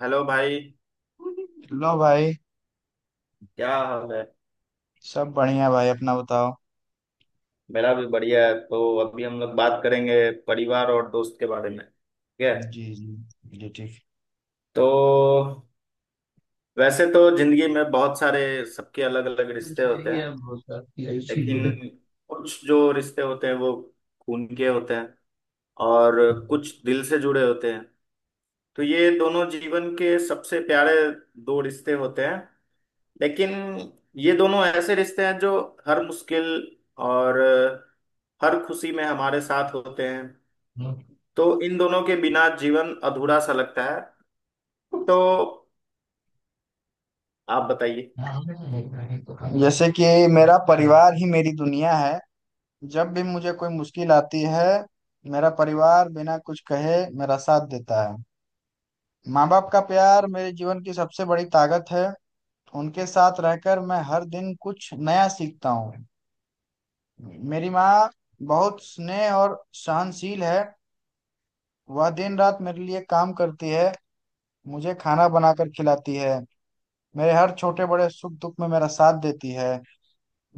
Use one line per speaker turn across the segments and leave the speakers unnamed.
Hello भाई।
लो भाई।
क्या हाल है।
सब बढ़िया भाई, अपना बताओ।
मेरा भी बढ़िया है, तो अभी हम लोग बात करेंगे परिवार और दोस्त के बारे में। ठीक है।
जी जी जी, ठीक।
तो वैसे तो जिंदगी में बहुत सारे सबके अलग अलग
बस
रिश्ते होते
यही
हैं।
है, बहुत सारी ऐसी
लेकिन
है।
कुछ जो रिश्ते होते हैं वो खून के होते हैं और कुछ दिल से जुड़े होते हैं। तो ये दोनों जीवन के सबसे प्यारे दो रिश्ते होते हैं। लेकिन ये दोनों ऐसे रिश्ते हैं जो हर मुश्किल और हर खुशी में हमारे साथ होते हैं। तो इन दोनों के बिना जीवन अधूरा सा लगता है। तो आप बताइए।
जैसे कि मेरा परिवार ही मेरी दुनिया है। जब भी मुझे कोई मुश्किल आती है, मेरा परिवार बिना कुछ कहे मेरा साथ देता है। माँ बाप का प्यार मेरे जीवन की सबसे बड़ी ताकत है। उनके साथ रहकर मैं हर दिन कुछ नया सीखता हूँ। मेरी माँ बहुत स्नेह और सहनशील है। वह दिन रात मेरे लिए काम करती है, मुझे खाना बनाकर खिलाती है, मेरे हर छोटे बड़े सुख दुख में मेरा साथ देती है।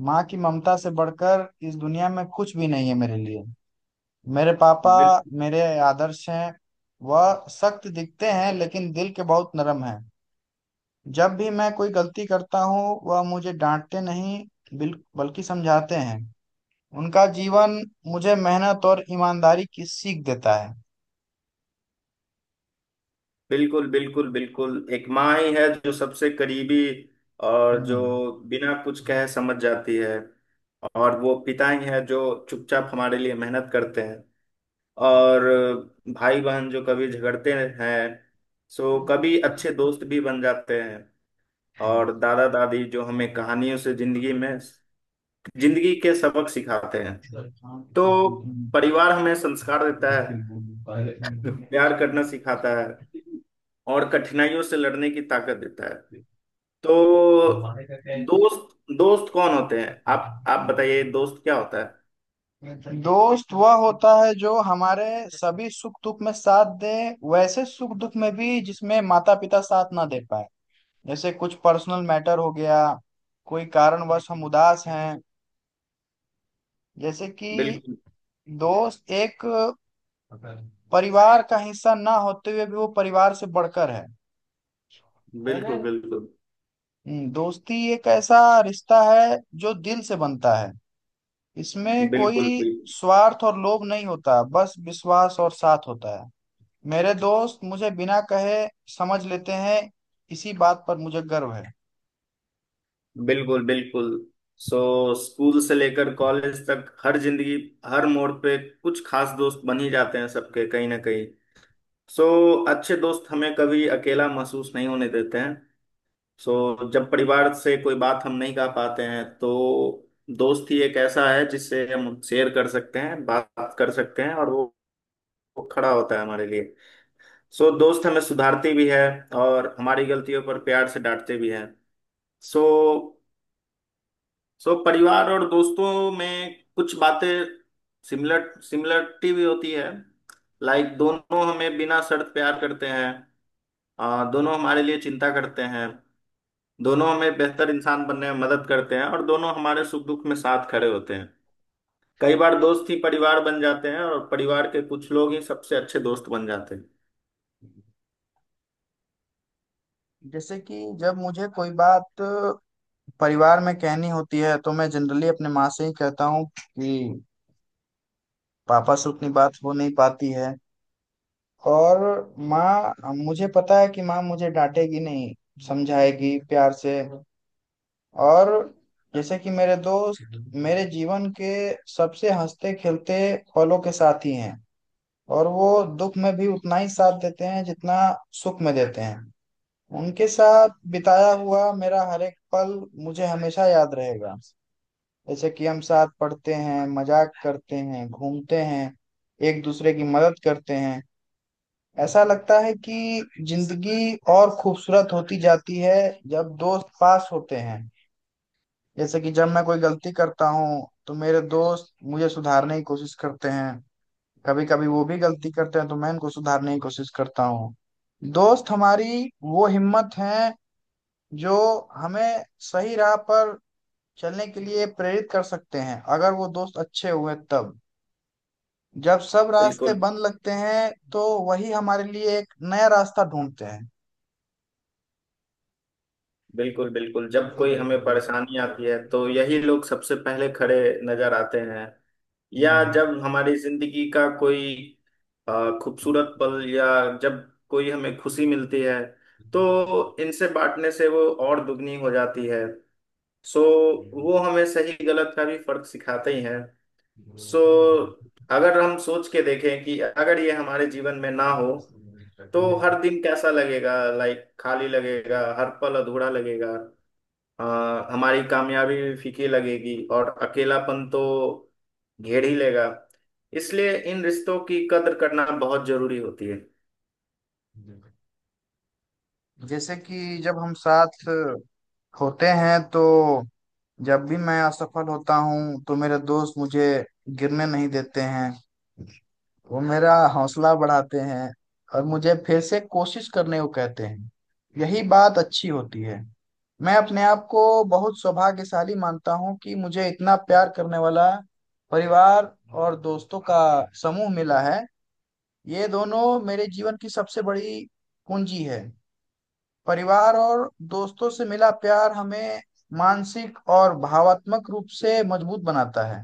माँ की ममता से बढ़कर इस दुनिया में कुछ भी नहीं है मेरे लिए। मेरे पापा
बिल,
मेरे आदर्श हैं। वह सख्त दिखते हैं लेकिन दिल के बहुत नरम हैं। जब भी मैं कोई गलती करता हूँ, वह मुझे डांटते नहीं, बल्कि समझाते हैं। उनका जीवन मुझे मेहनत और ईमानदारी की सीख देता है।
बिल्कुल, बिल्कुल, बिल्कुल, एक माँ ही है जो सबसे करीबी और जो बिना कुछ कहे समझ जाती है। और वो पिता ही है जो चुपचाप हमारे लिए मेहनत करते हैं। और भाई बहन जो कभी झगड़ते हैं सो कभी अच्छे दोस्त भी बन जाते हैं। और दादा दादी जो हमें कहानियों से जिंदगी के सबक सिखाते हैं। तो
हम्म
परिवार हमें संस्कार देता है, प्यार करना सिखाता है और कठिनाइयों से लड़ने की ताकत देता है। तो दोस्त दोस्त कौन होते हैं? आप बताइए, दोस्त क्या होता है?
दोस्त वह होता है जो हमारे सभी सुख दुख में साथ दे। वैसे सुख दुख में भी जिसमें माता पिता साथ ना दे पाए, जैसे कुछ पर्सनल मैटर हो गया, कोई कारणवश हम उदास हैं। जैसे कि
बिल्कुल,
दोस्त एक परिवार का हिस्सा ना होते हुए भी वो परिवार से बढ़कर है।
बिल्कुल, बिल्कुल,
दोस्ती एक ऐसा रिश्ता है जो दिल से बनता है। इसमें
बिल्कुल,
कोई
बिल्कुल,
स्वार्थ और लोभ नहीं होता, बस विश्वास और साथ होता है। मेरे दोस्त मुझे बिना कहे समझ लेते हैं। इसी बात पर मुझे गर्व है।
बिल्कुल, बिल्कुल। सो स्कूल से लेकर कॉलेज तक हर मोड़ पे कुछ खास दोस्त बन ही जाते हैं सबके, कहीं ना कहीं। सो अच्छे दोस्त हमें कभी अकेला महसूस नहीं होने देते हैं। सो जब परिवार से कोई बात हम नहीं कह पाते हैं तो दोस्त ही एक ऐसा है जिससे हम शेयर कर सकते हैं, बात कर सकते हैं, और वो खड़ा होता है हमारे लिए। सो दोस्त हमें सुधारते भी है और हमारी गलतियों पर प्यार से डांटते भी हैं। सो सो परिवार और दोस्तों में कुछ बातें सिमिलरिटी भी होती है। लाइक दोनों हमें बिना शर्त प्यार करते हैं। दोनों हमारे लिए चिंता करते हैं, दोनों हमें बेहतर इंसान बनने में मदद करते हैं और दोनों हमारे सुख दुख में साथ खड़े होते हैं। कई बार दोस्त ही परिवार बन जाते हैं और परिवार के कुछ लोग ही सबसे अच्छे दोस्त बन जाते हैं।
जैसे कि जब मुझे कोई बात परिवार में कहनी होती है, तो मैं जनरली अपने माँ से ही कहता हूँ कि पापा से उतनी बात हो नहीं पाती है। और माँ, मुझे पता है कि माँ मुझे डांटेगी नहीं, समझाएगी प्यार से। और जैसे कि मेरे दोस्त मेरे जीवन के सबसे हंसते खेलते पलों के साथी हैं। और वो दुख में भी उतना ही साथ देते हैं जितना सुख में देते हैं। उनके साथ बिताया हुआ मेरा हर एक पल मुझे हमेशा याद रहेगा। जैसे कि हम साथ पढ़ते हैं, मजाक करते हैं, घूमते हैं, एक दूसरे की मदद करते हैं। ऐसा लगता है कि जिंदगी और खूबसूरत होती जाती है जब दोस्त पास होते हैं। जैसे कि जब मैं कोई गलती करता हूँ तो मेरे दोस्त मुझे सुधारने की कोशिश करते हैं। कभी कभी वो भी गलती करते हैं तो मैं इनको सुधारने की कोशिश करता हूँ। दोस्त हमारी वो हिम्मत है जो हमें सही राह पर चलने के लिए प्रेरित कर सकते हैं, अगर वो दोस्त अच्छे हुए तब। जब सब रास्ते
बिल्कुल,
बंद लगते हैं तो वही हमारे लिए एक नया रास्ता ढूंढते हैं।
बिल्कुल, बिल्कुल, जब कोई हमें परेशानी आती है तो यही लोग सबसे पहले खड़े नजर आते हैं। या जब हमारी जिंदगी का कोई खूबसूरत पल, या जब कोई हमें खुशी मिलती है तो इनसे बांटने से वो और दुगनी हो जाती है। सो वो हमें सही गलत का भी फर्क सिखाते ही हैं। सो अगर हम सोच के देखें कि अगर ये हमारे जीवन में ना हो तो हर दिन कैसा लगेगा, लाइक खाली लगेगा, हर पल अधूरा लगेगा। आ, हमारी कामयाबी भी फीकी लगेगी और अकेलापन तो घेर ही लेगा। इसलिए इन रिश्तों की कद्र करना बहुत जरूरी होती है।
जैसे कि जब हम साथ होते हैं तो जब भी मैं असफल होता हूँ तो मेरे दोस्त मुझे गिरने नहीं देते हैं। वो मेरा हौसला बढ़ाते हैं और मुझे फिर से कोशिश करने को कहते हैं। यही बात अच्छी होती है। मैं अपने आप को बहुत सौभाग्यशाली मानता हूँ कि मुझे इतना प्यार करने वाला परिवार और दोस्तों का समूह मिला है। ये दोनों मेरे जीवन की सबसे बड़ी पूंजी है। परिवार और दोस्तों से मिला प्यार हमें मानसिक और भावात्मक रूप से मजबूत बनाता है।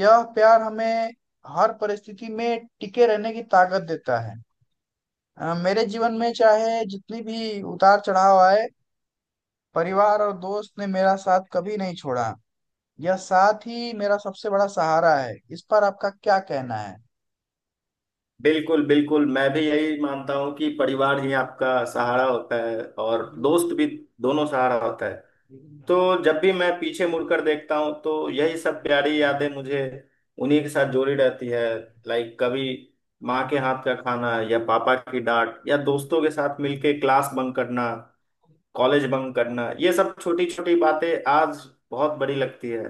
यह प्यार हमें हर परिस्थिति में टिके रहने की ताकत देता है। मेरे जीवन में चाहे जितनी भी उतार चढ़ाव आए, परिवार और दोस्त ने मेरा साथ कभी नहीं छोड़ा। यह साथ ही मेरा सबसे बड़ा सहारा है। इस पर आपका क्या कहना है?
बिल्कुल, बिल्कुल, मैं भी यही मानता हूँ कि परिवार ही आपका सहारा होता है, और दोस्त भी, दोनों सहारा होता है। तो जब भी मैं पीछे मुड़कर देखता हूँ तो यही सब प्यारी यादें मुझे उन्हीं के साथ जोड़ी रहती है। लाइक कभी माँ के हाथ का खाना, या पापा की डांट, या दोस्तों के साथ मिलके क्लास बंक करना, कॉलेज बंक करना, ये सब छोटी छोटी बातें आज बहुत बड़ी लगती है।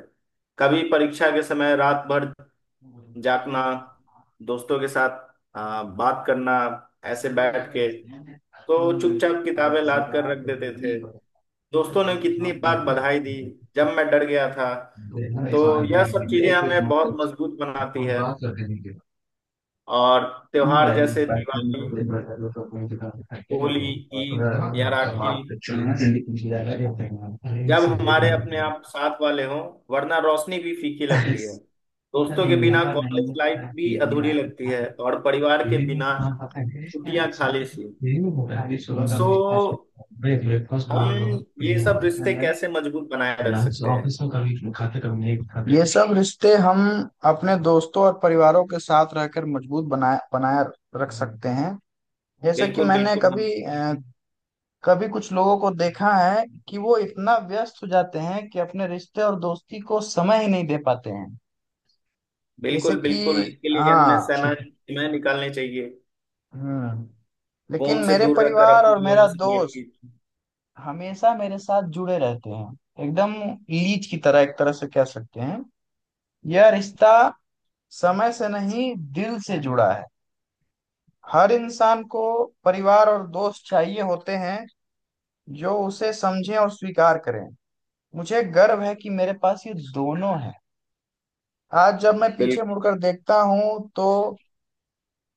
कभी परीक्षा के समय रात भर जागना, दोस्तों के साथ बात करना, ऐसे बैठ के तो चुपचाप किताबें लाद कर रख देते थे। दोस्तों ने कितनी बार बधाई दी जब मैं डर गया था तो। यह सब चीजें हमें बहुत मजबूत बनाती है। और त्योहार जैसे दिवाली, होली, ईद या राखी, जब हमारे अपने आप साथ वाले हों, वरना रोशनी भी फीकी लगती है। दोस्तों के बिना कॉलेज लाइफ भी अधूरी लगती है, और परिवार के बिना छुट्टियां खाली सी। सो हम ये सब रिश्ते कैसे मजबूत बनाए रख सकते हैं?
ये सब रिश्ते हम अपने दोस्तों और परिवारों के साथ रहकर मजबूत बनाए बनाए रख सकते हैं। जैसे कि
बिल्कुल,
मैंने
बिल्कुल, हम
कभी कुछ लोगों को देखा है कि वो इतना व्यस्त हो जाते हैं कि अपने रिश्ते और दोस्ती को समय ही नहीं दे पाते हैं। जैसे
बिल्कुल,
कि,
बिल्कुल, इसके लिए हमें
हाँ,
सेना सीमाएं निकालनी चाहिए।
हम्म। लेकिन
फोन से
मेरे
दूर रहकर
परिवार और
अपने लोगों
मेरा
से बात की।
दोस्त हमेशा मेरे साथ जुड़े रहते हैं, एकदम लीच की तरह, एक तरह से कह सकते हैं। यह रिश्ता समय से नहीं दिल से जुड़ा है। हर इंसान को परिवार और दोस्त चाहिए होते हैं जो उसे समझें और स्वीकार करें। मुझे गर्व है कि मेरे पास ये दोनों है। आज जब मैं पीछे
बिल्कुल,
मुड़कर देखता हूँ तो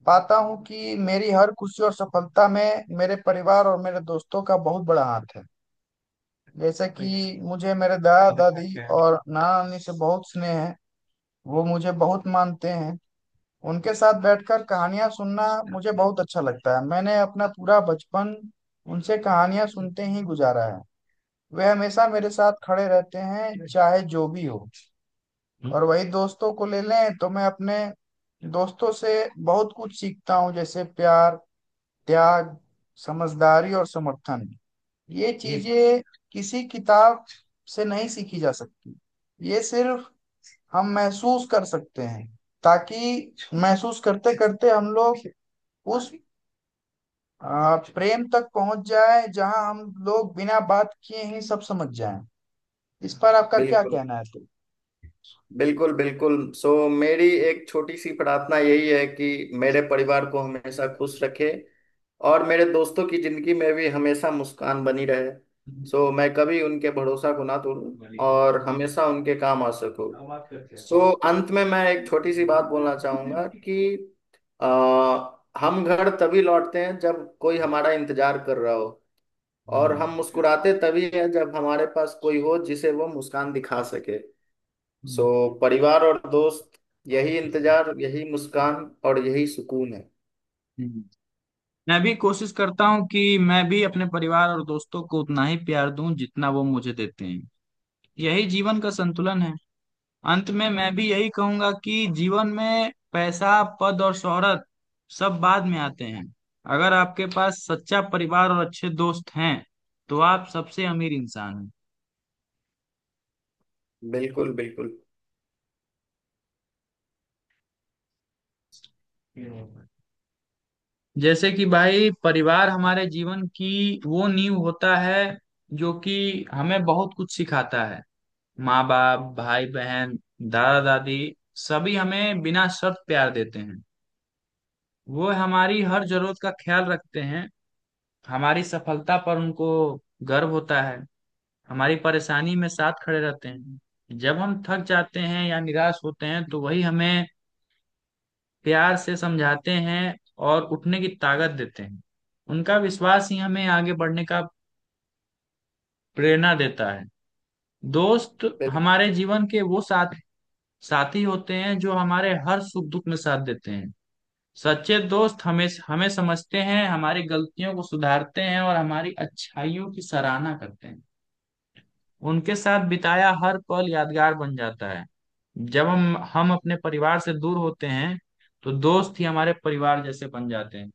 पाता हूँ कि मेरी हर खुशी और सफलता में मेरे परिवार और मेरे दोस्तों का बहुत बड़ा हाथ है। जैसे कि मुझे मेरे दादा दादी और नाना नानी से बहुत स्नेह है। वो मुझे बहुत मानते हैं। उनके साथ बैठकर कहानियां सुनना मुझे बहुत अच्छा लगता है। मैंने अपना पूरा बचपन उनसे कहानियां सुनते ही गुजारा है। वे हमेशा मेरे साथ खड़े रहते हैं चाहे जो भी हो। और वही दोस्तों को ले लें तो मैं अपने दोस्तों से बहुत कुछ सीखता हूँ, जैसे प्यार, त्याग, समझदारी और समर्थन। ये चीजें किसी किताब से नहीं सीखी जा सकती। ये सिर्फ हम महसूस कर सकते हैं। ताकि महसूस करते करते हम लोग उस प्रेम तक पहुंच जाए जहां हम लोग बिना बात किए ही सब समझ जाएं। इस पर आपका क्या
बिल्कुल,
कहना है?
बिल्कुल, बिल्कुल, सो मेरी एक छोटी सी प्रार्थना यही है कि मेरे परिवार को हमेशा खुश रखे और मेरे दोस्तों की जिंदगी में भी हमेशा मुस्कान बनी रहे। सो मैं कभी उनके भरोसा को ना तोड़ूं और हमेशा उनके काम आ सकूं। सो अंत में मैं एक छोटी सी बात बोलना चाहूंगा कि आ, हम घर तभी लौटते हैं जब कोई हमारा इंतजार कर रहा हो, और हम मुस्कुराते तभी हैं जब हमारे पास कोई हो जिसे वो मुस्कान दिखा सके। सो परिवार और दोस्त, यही इंतजार, यही मुस्कान और यही सुकून है।
तो मैं भी कोशिश करता हूँ कि मैं भी अपने परिवार और दोस्तों को उतना ही प्यार दूं जितना वो मुझे देते हैं। यही जीवन का संतुलन है। अंत में मैं भी यही कहूंगा कि जीवन में पैसा पद और शोहरत सब बाद में आते हैं। अगर आपके पास सच्चा परिवार और अच्छे दोस्त हैं तो आप सबसे अमीर इंसान
बिल्कुल, बिल्कुल,
हैं। जैसे कि भाई, परिवार हमारे जीवन की वो नींव होता है जो कि हमें बहुत कुछ सिखाता है। माँ बाप, भाई बहन, दादा दादी सभी हमें बिना शर्त प्यार देते हैं। वो हमारी हर जरूरत का ख्याल रखते हैं। हमारी सफलता पर उनको गर्व होता है। हमारी परेशानी में साथ खड़े रहते हैं। जब हम थक जाते हैं या निराश होते हैं तो वही हमें प्यार से समझाते हैं और उठने की ताकत देते हैं। उनका विश्वास ही हमें आगे बढ़ने का प्रेरणा देता है। दोस्त
बिल-
हमारे जीवन के वो साथी साथी होते हैं जो हमारे हर सुख दुख में साथ देते हैं। सच्चे दोस्त हमें हमें समझते हैं, हमारी गलतियों को सुधारते हैं और हमारी अच्छाइयों की सराहना करते हैं। उनके साथ बिताया हर पल यादगार बन जाता है। जब हम अपने परिवार से दूर होते हैं तो दोस्त ही हमारे परिवार जैसे बन जाते हैं।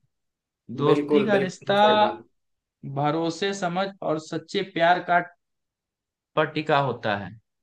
दोस्ती
बिल्कुल,
का
बिल्कुल,
रिश्ता
सही बात।
भरोसे समझ और सच्चे प्यार का पर टिका होता है।